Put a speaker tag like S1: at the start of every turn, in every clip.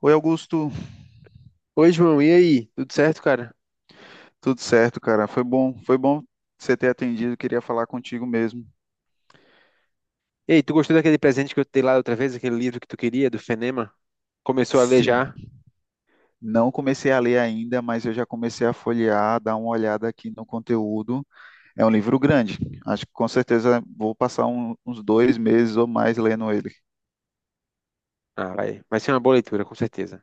S1: Oi, Augusto.
S2: Oi, João, e aí? Tudo certo, cara?
S1: Tudo certo, cara? Foi bom você ter atendido. Queria falar contigo mesmo.
S2: Ei, tu gostou daquele presente que eu te dei lá outra vez, aquele livro que tu queria, do Fenema? Começou a ler
S1: Sim,
S2: já?
S1: não comecei a ler ainda, mas eu já comecei a folhear, dar uma olhada aqui no conteúdo. É um livro grande. Acho que com certeza vou passar uns dois meses ou mais lendo ele.
S2: Ah, vai. Vai ser uma boa leitura, com certeza.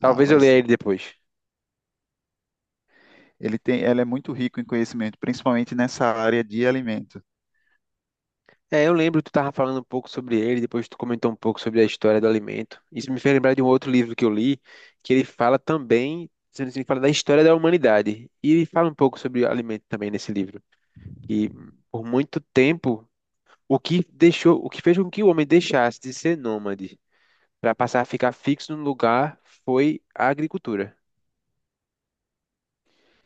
S1: Ah,
S2: Talvez eu
S1: vai
S2: leia
S1: sim.
S2: ele depois.
S1: Ele é muito rico em conhecimento, principalmente nessa área de alimento.
S2: É, eu lembro que tu tava falando um pouco sobre ele, depois tu comentou um pouco sobre a história do alimento. Isso me fez lembrar de um outro livro que eu li, que ele fala também, sendo assim, fala da história da humanidade. E ele fala um pouco sobre alimento também nesse livro. E por muito tempo, o que deixou, o que fez com que o homem deixasse de ser nômade para passar a ficar fixo no lugar foi a agricultura.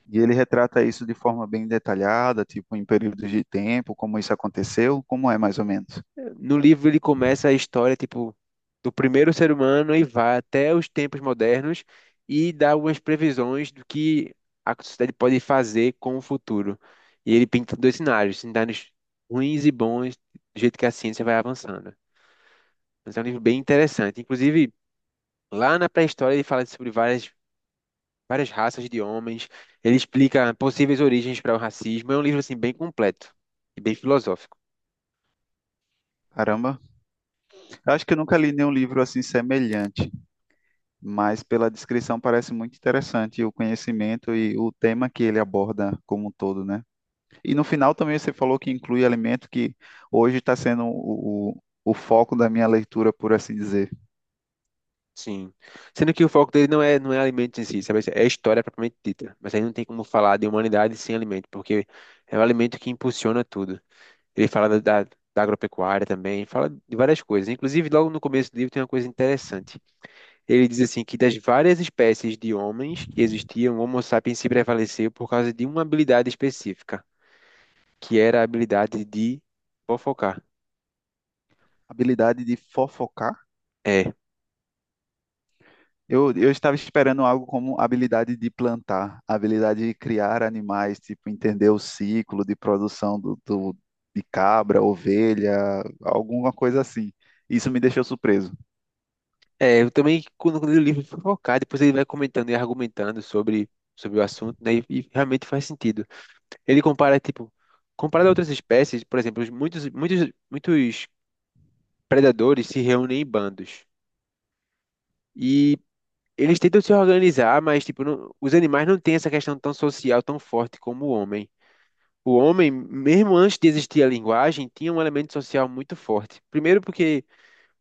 S1: E ele retrata isso de forma bem detalhada, tipo em períodos de tempo, como isso aconteceu, como é mais ou menos.
S2: No livro ele começa a história tipo do primeiro ser humano e vai até os tempos modernos e dá algumas previsões do que a sociedade pode fazer com o futuro. E ele pinta dois cenários, cenários ruins e bons, do jeito que a ciência vai avançando. Mas é um livro bem interessante. Inclusive, lá na pré-história ele fala sobre várias raças de homens, ele explica possíveis origens para o racismo. É um livro assim bem completo e bem filosófico.
S1: Caramba, Eu acho que eu nunca li nenhum livro assim semelhante, mas pela descrição parece muito interessante o conhecimento e o tema que ele aborda como um todo, né? E no final também você falou que inclui alimento que hoje está sendo o foco da minha leitura, por assim dizer.
S2: Sim. Sendo que o foco dele não é alimento em si, sabe? É a história propriamente dita. Mas aí não tem como falar de humanidade sem alimento, porque é o alimento que impulsiona tudo. Ele fala da agropecuária também, fala de várias coisas. Inclusive, logo no começo do livro tem uma coisa interessante. Ele diz assim que das várias espécies de homens que existiam, o Homo sapiens se prevaleceu por causa de uma habilidade específica, que era a habilidade de fofocar.
S1: Habilidade de fofocar?
S2: É.
S1: Eu estava esperando algo como habilidade de plantar, habilidade de criar animais, tipo entender o ciclo de produção de cabra, ovelha, alguma coisa assim. Isso me deixou surpreso.
S2: É, eu também, quando eu li o livro, fui focar, depois ele vai comentando e argumentando sobre o assunto, né, e realmente faz sentido. Ele compara, tipo, comparado a outras espécies, por exemplo, os muitos predadores se reúnem em bandos, e eles tentam se organizar, mas, tipo, os animais não têm essa questão tão social, tão forte como o homem. O homem, mesmo antes de existir a linguagem, tinha um elemento social muito forte. Primeiro porque,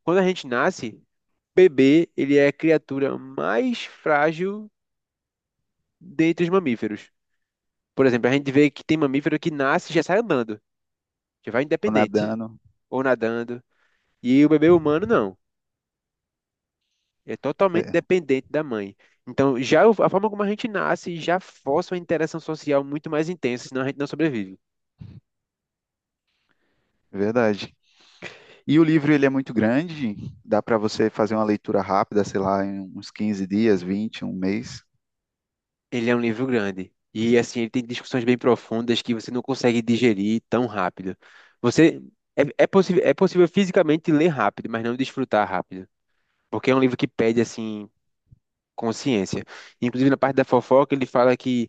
S2: quando a gente nasce, bebê, ele é a criatura mais frágil dentre os mamíferos. Por exemplo, a gente vê que tem mamífero que nasce e já sai andando, já vai
S1: Ficou
S2: independente,
S1: nadando.
S2: ou nadando. E o bebê humano não, é
S1: É,
S2: totalmente
S1: é
S2: dependente da mãe. Então, a forma como a gente nasce já força uma interação social muito mais intensa, senão a gente não sobrevive.
S1: verdade. E o livro ele é muito grande, dá para você fazer uma leitura rápida, sei lá, em uns 15 dias, 20, um mês.
S2: Ele é um livro grande. E assim, ele tem discussões bem profundas que você não consegue digerir tão rápido. Você é possível fisicamente ler rápido, mas não desfrutar rápido. Porque é um livro que pede assim consciência. Inclusive, na parte da fofoca, ele fala que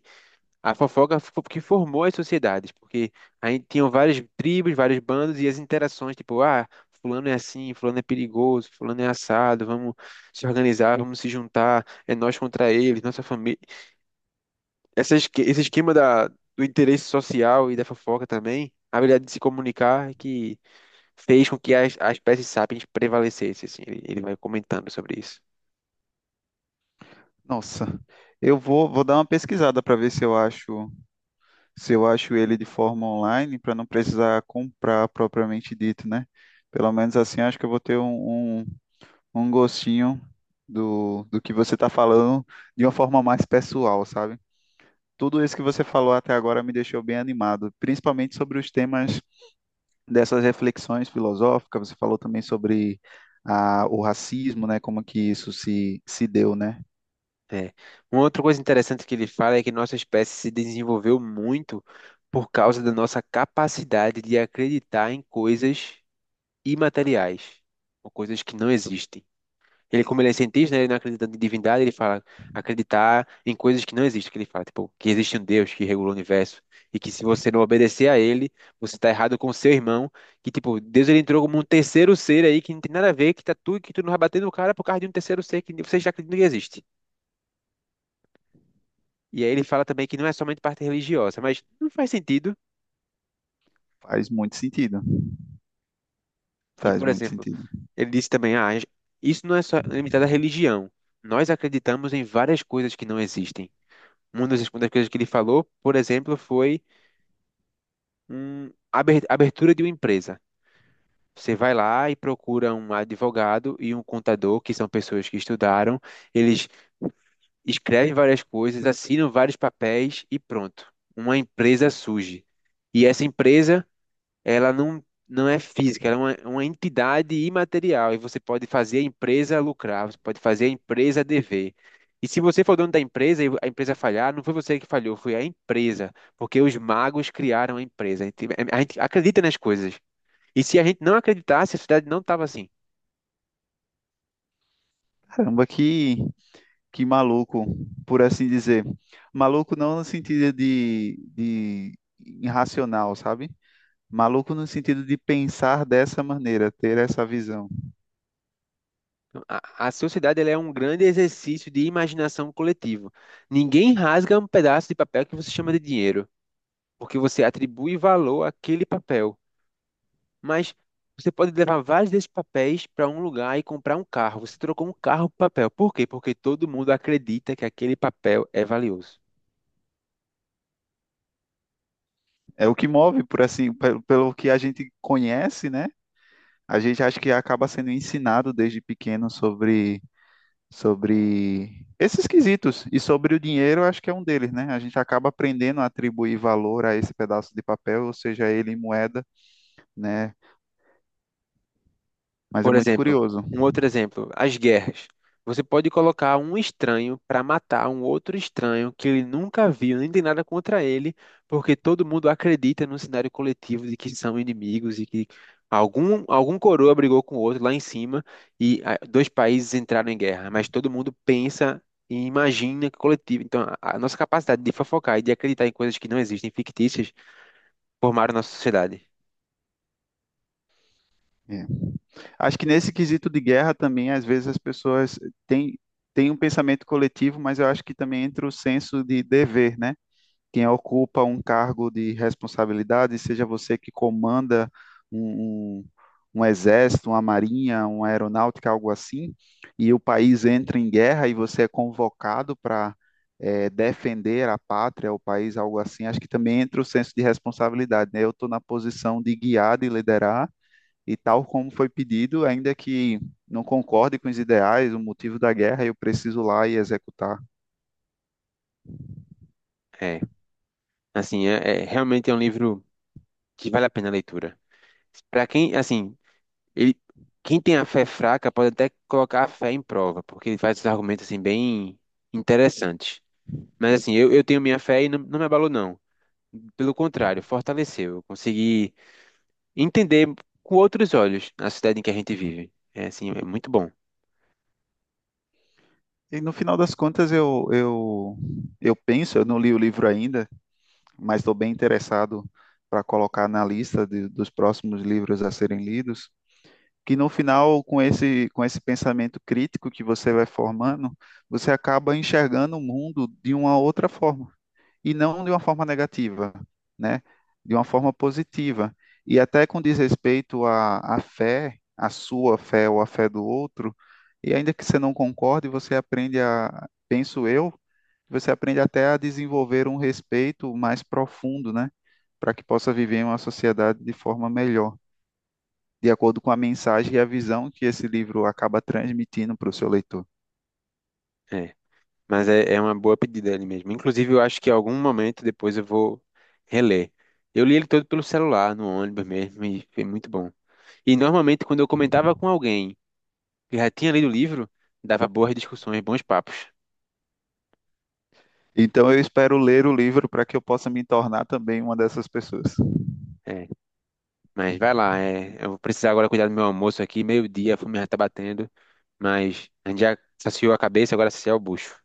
S2: a fofoca que formou as sociedades, porque aí tinham várias tribos, vários bandos e as interações, tipo, ah, fulano é assim, fulano é perigoso, fulano é assado, vamos se organizar, vamos se juntar, é nós contra eles, nossa família. Esse esquema do interesse social e da fofoca também, a habilidade de se comunicar, é que fez com que a espécie sapiens prevalecesse. Assim, ele vai comentando sobre isso.
S1: Nossa, eu vou dar uma pesquisada para ver se eu acho ele de forma online, para não precisar comprar propriamente dito, né? Pelo menos assim, acho que eu vou ter um gostinho do que você está falando de uma forma mais pessoal, sabe? Tudo isso que você falou até agora me deixou bem animado, principalmente sobre os temas dessas reflexões filosóficas. Você falou também sobre o racismo, né? Como que se deu, né?
S2: É. Uma outra coisa interessante que ele fala é que nossa espécie se desenvolveu muito por causa da nossa capacidade de acreditar em coisas imateriais, ou coisas que não existem. Ele, como ele é cientista, né, ele não acredita em divindade, ele fala acreditar em coisas que não existem, que ele fala, tipo, que existe um Deus que regula o universo e que se você não obedecer a ele, você está errado com seu irmão, que tipo, Deus ele entrou como um terceiro ser aí que não tem nada a ver, que tá tu, que tu não vai bater no cara por causa de um terceiro ser que você já acredita que existe. E aí ele fala também que não é somente parte religiosa, mas não faz sentido.
S1: Faz muito sentido.
S2: E,
S1: Faz
S2: por
S1: muito
S2: exemplo,
S1: sentido.
S2: ele disse também, ah, isso não é só limitado à religião. Nós acreditamos em várias coisas que não existem. Uma das coisas que ele falou, por exemplo, foi abertura de uma empresa. Você vai lá e procura um advogado e um contador, que são pessoas que estudaram, eles escrevem várias coisas, assinam vários papéis e pronto. Uma empresa surge. E essa empresa ela não é física, ela é uma entidade imaterial e você pode fazer a empresa lucrar, você pode fazer a empresa dever. E se você for dono da empresa e a empresa falhar, não foi você que falhou, foi a empresa, porque os magos criaram a empresa. A gente acredita nas coisas. E se a gente não acreditasse, a sociedade não estava assim.
S1: Caramba, que maluco, por assim dizer. Maluco não no sentido de irracional, sabe? Maluco no sentido de pensar dessa maneira, ter essa visão.
S2: A sociedade ela é um grande exercício de imaginação coletivo. Ninguém rasga um pedaço de papel que você chama de dinheiro, porque você atribui valor àquele papel. Mas você pode levar vários desses papéis para um lugar e comprar um carro. Você trocou um carro por papel. Por quê? Porque todo mundo acredita que aquele papel é valioso.
S1: É o que move, por assim, pelo que a gente conhece, né? A gente acha que acaba sendo ensinado desde pequeno sobre esses quesitos. E sobre o dinheiro, eu acho que é um deles, né? A gente acaba aprendendo a atribuir valor a esse pedaço de papel, ou seja, ele em moeda, né? Mas é
S2: Por
S1: muito
S2: exemplo,
S1: curioso.
S2: um outro exemplo, as guerras. Você pode colocar um estranho para matar um outro estranho que ele nunca viu, nem tem nada contra ele, porque todo mundo acredita no cenário coletivo de que são inimigos e que algum coroa brigou com o outro lá em cima e ah, dois países entraram em guerra, mas todo mundo pensa e imagina que coletivo. Então, a nossa capacidade de fofocar e de acreditar em coisas que não existem, fictícias, formaram nossa sociedade.
S1: É. Acho que nesse quesito de guerra também, às vezes as pessoas têm, têm um pensamento coletivo, mas eu acho que também entra o senso de dever, né? Quem ocupa um cargo de responsabilidade, seja você que comanda um, um, um exército, uma marinha, uma aeronáutica, algo assim, e o país entra em guerra e você é convocado para defender a pátria, o país, algo assim, acho que também entra o senso de responsabilidade, né? Eu estou na posição de guiar, de liderar e tal como foi pedido, ainda que não concorde com os ideais, o motivo da guerra, eu preciso ir lá e executar.
S2: É, é realmente é um livro que vale a pena a leitura. Para quem, assim, ele, quem tem a fé fraca pode até colocar a fé em prova, porque ele faz esses argumentos assim bem interessantes. Mas assim, eu tenho minha fé e não me abalou não. Pelo contrário, fortaleceu. Eu consegui entender com outros olhos a cidade em que a gente vive. É assim, é muito bom.
S1: E no final das contas, eu penso, eu não li o livro ainda, mas estou bem interessado para colocar na lista dos próximos livros a serem lidos. Que no final, com com esse pensamento crítico que você vai formando, você acaba enxergando o mundo de uma outra forma, e não de uma forma negativa, né? De uma forma positiva. E até com desrespeito à fé, à sua fé ou à fé do outro, e ainda que você não concorde, você aprende a, penso eu, você aprende até a desenvolver um respeito mais profundo, né? Para que possa viver em uma sociedade de forma melhor de acordo com a mensagem e a visão que esse livro acaba transmitindo para o seu leitor.
S2: É. Mas é uma boa pedida ali mesmo. Inclusive, eu acho que em algum momento depois eu vou reler. Eu li ele todo pelo celular, no ônibus mesmo, e foi muito bom. E normalmente quando eu comentava com alguém eu já tinha lido o livro, dava boas discussões, bons papos.
S1: Então eu espero ler o livro para que eu possa me tornar também uma dessas pessoas.
S2: É, mas vai lá, é, eu vou precisar agora cuidar do meu almoço aqui, meio-dia, a fome já tá batendo, mas a gente já saciou a cabeça, agora saciar o bucho.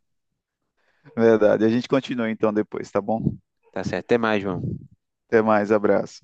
S1: Verdade. A gente continua então depois, tá bom?
S2: Tá certo, até mais, João.
S1: Até mais, abraço.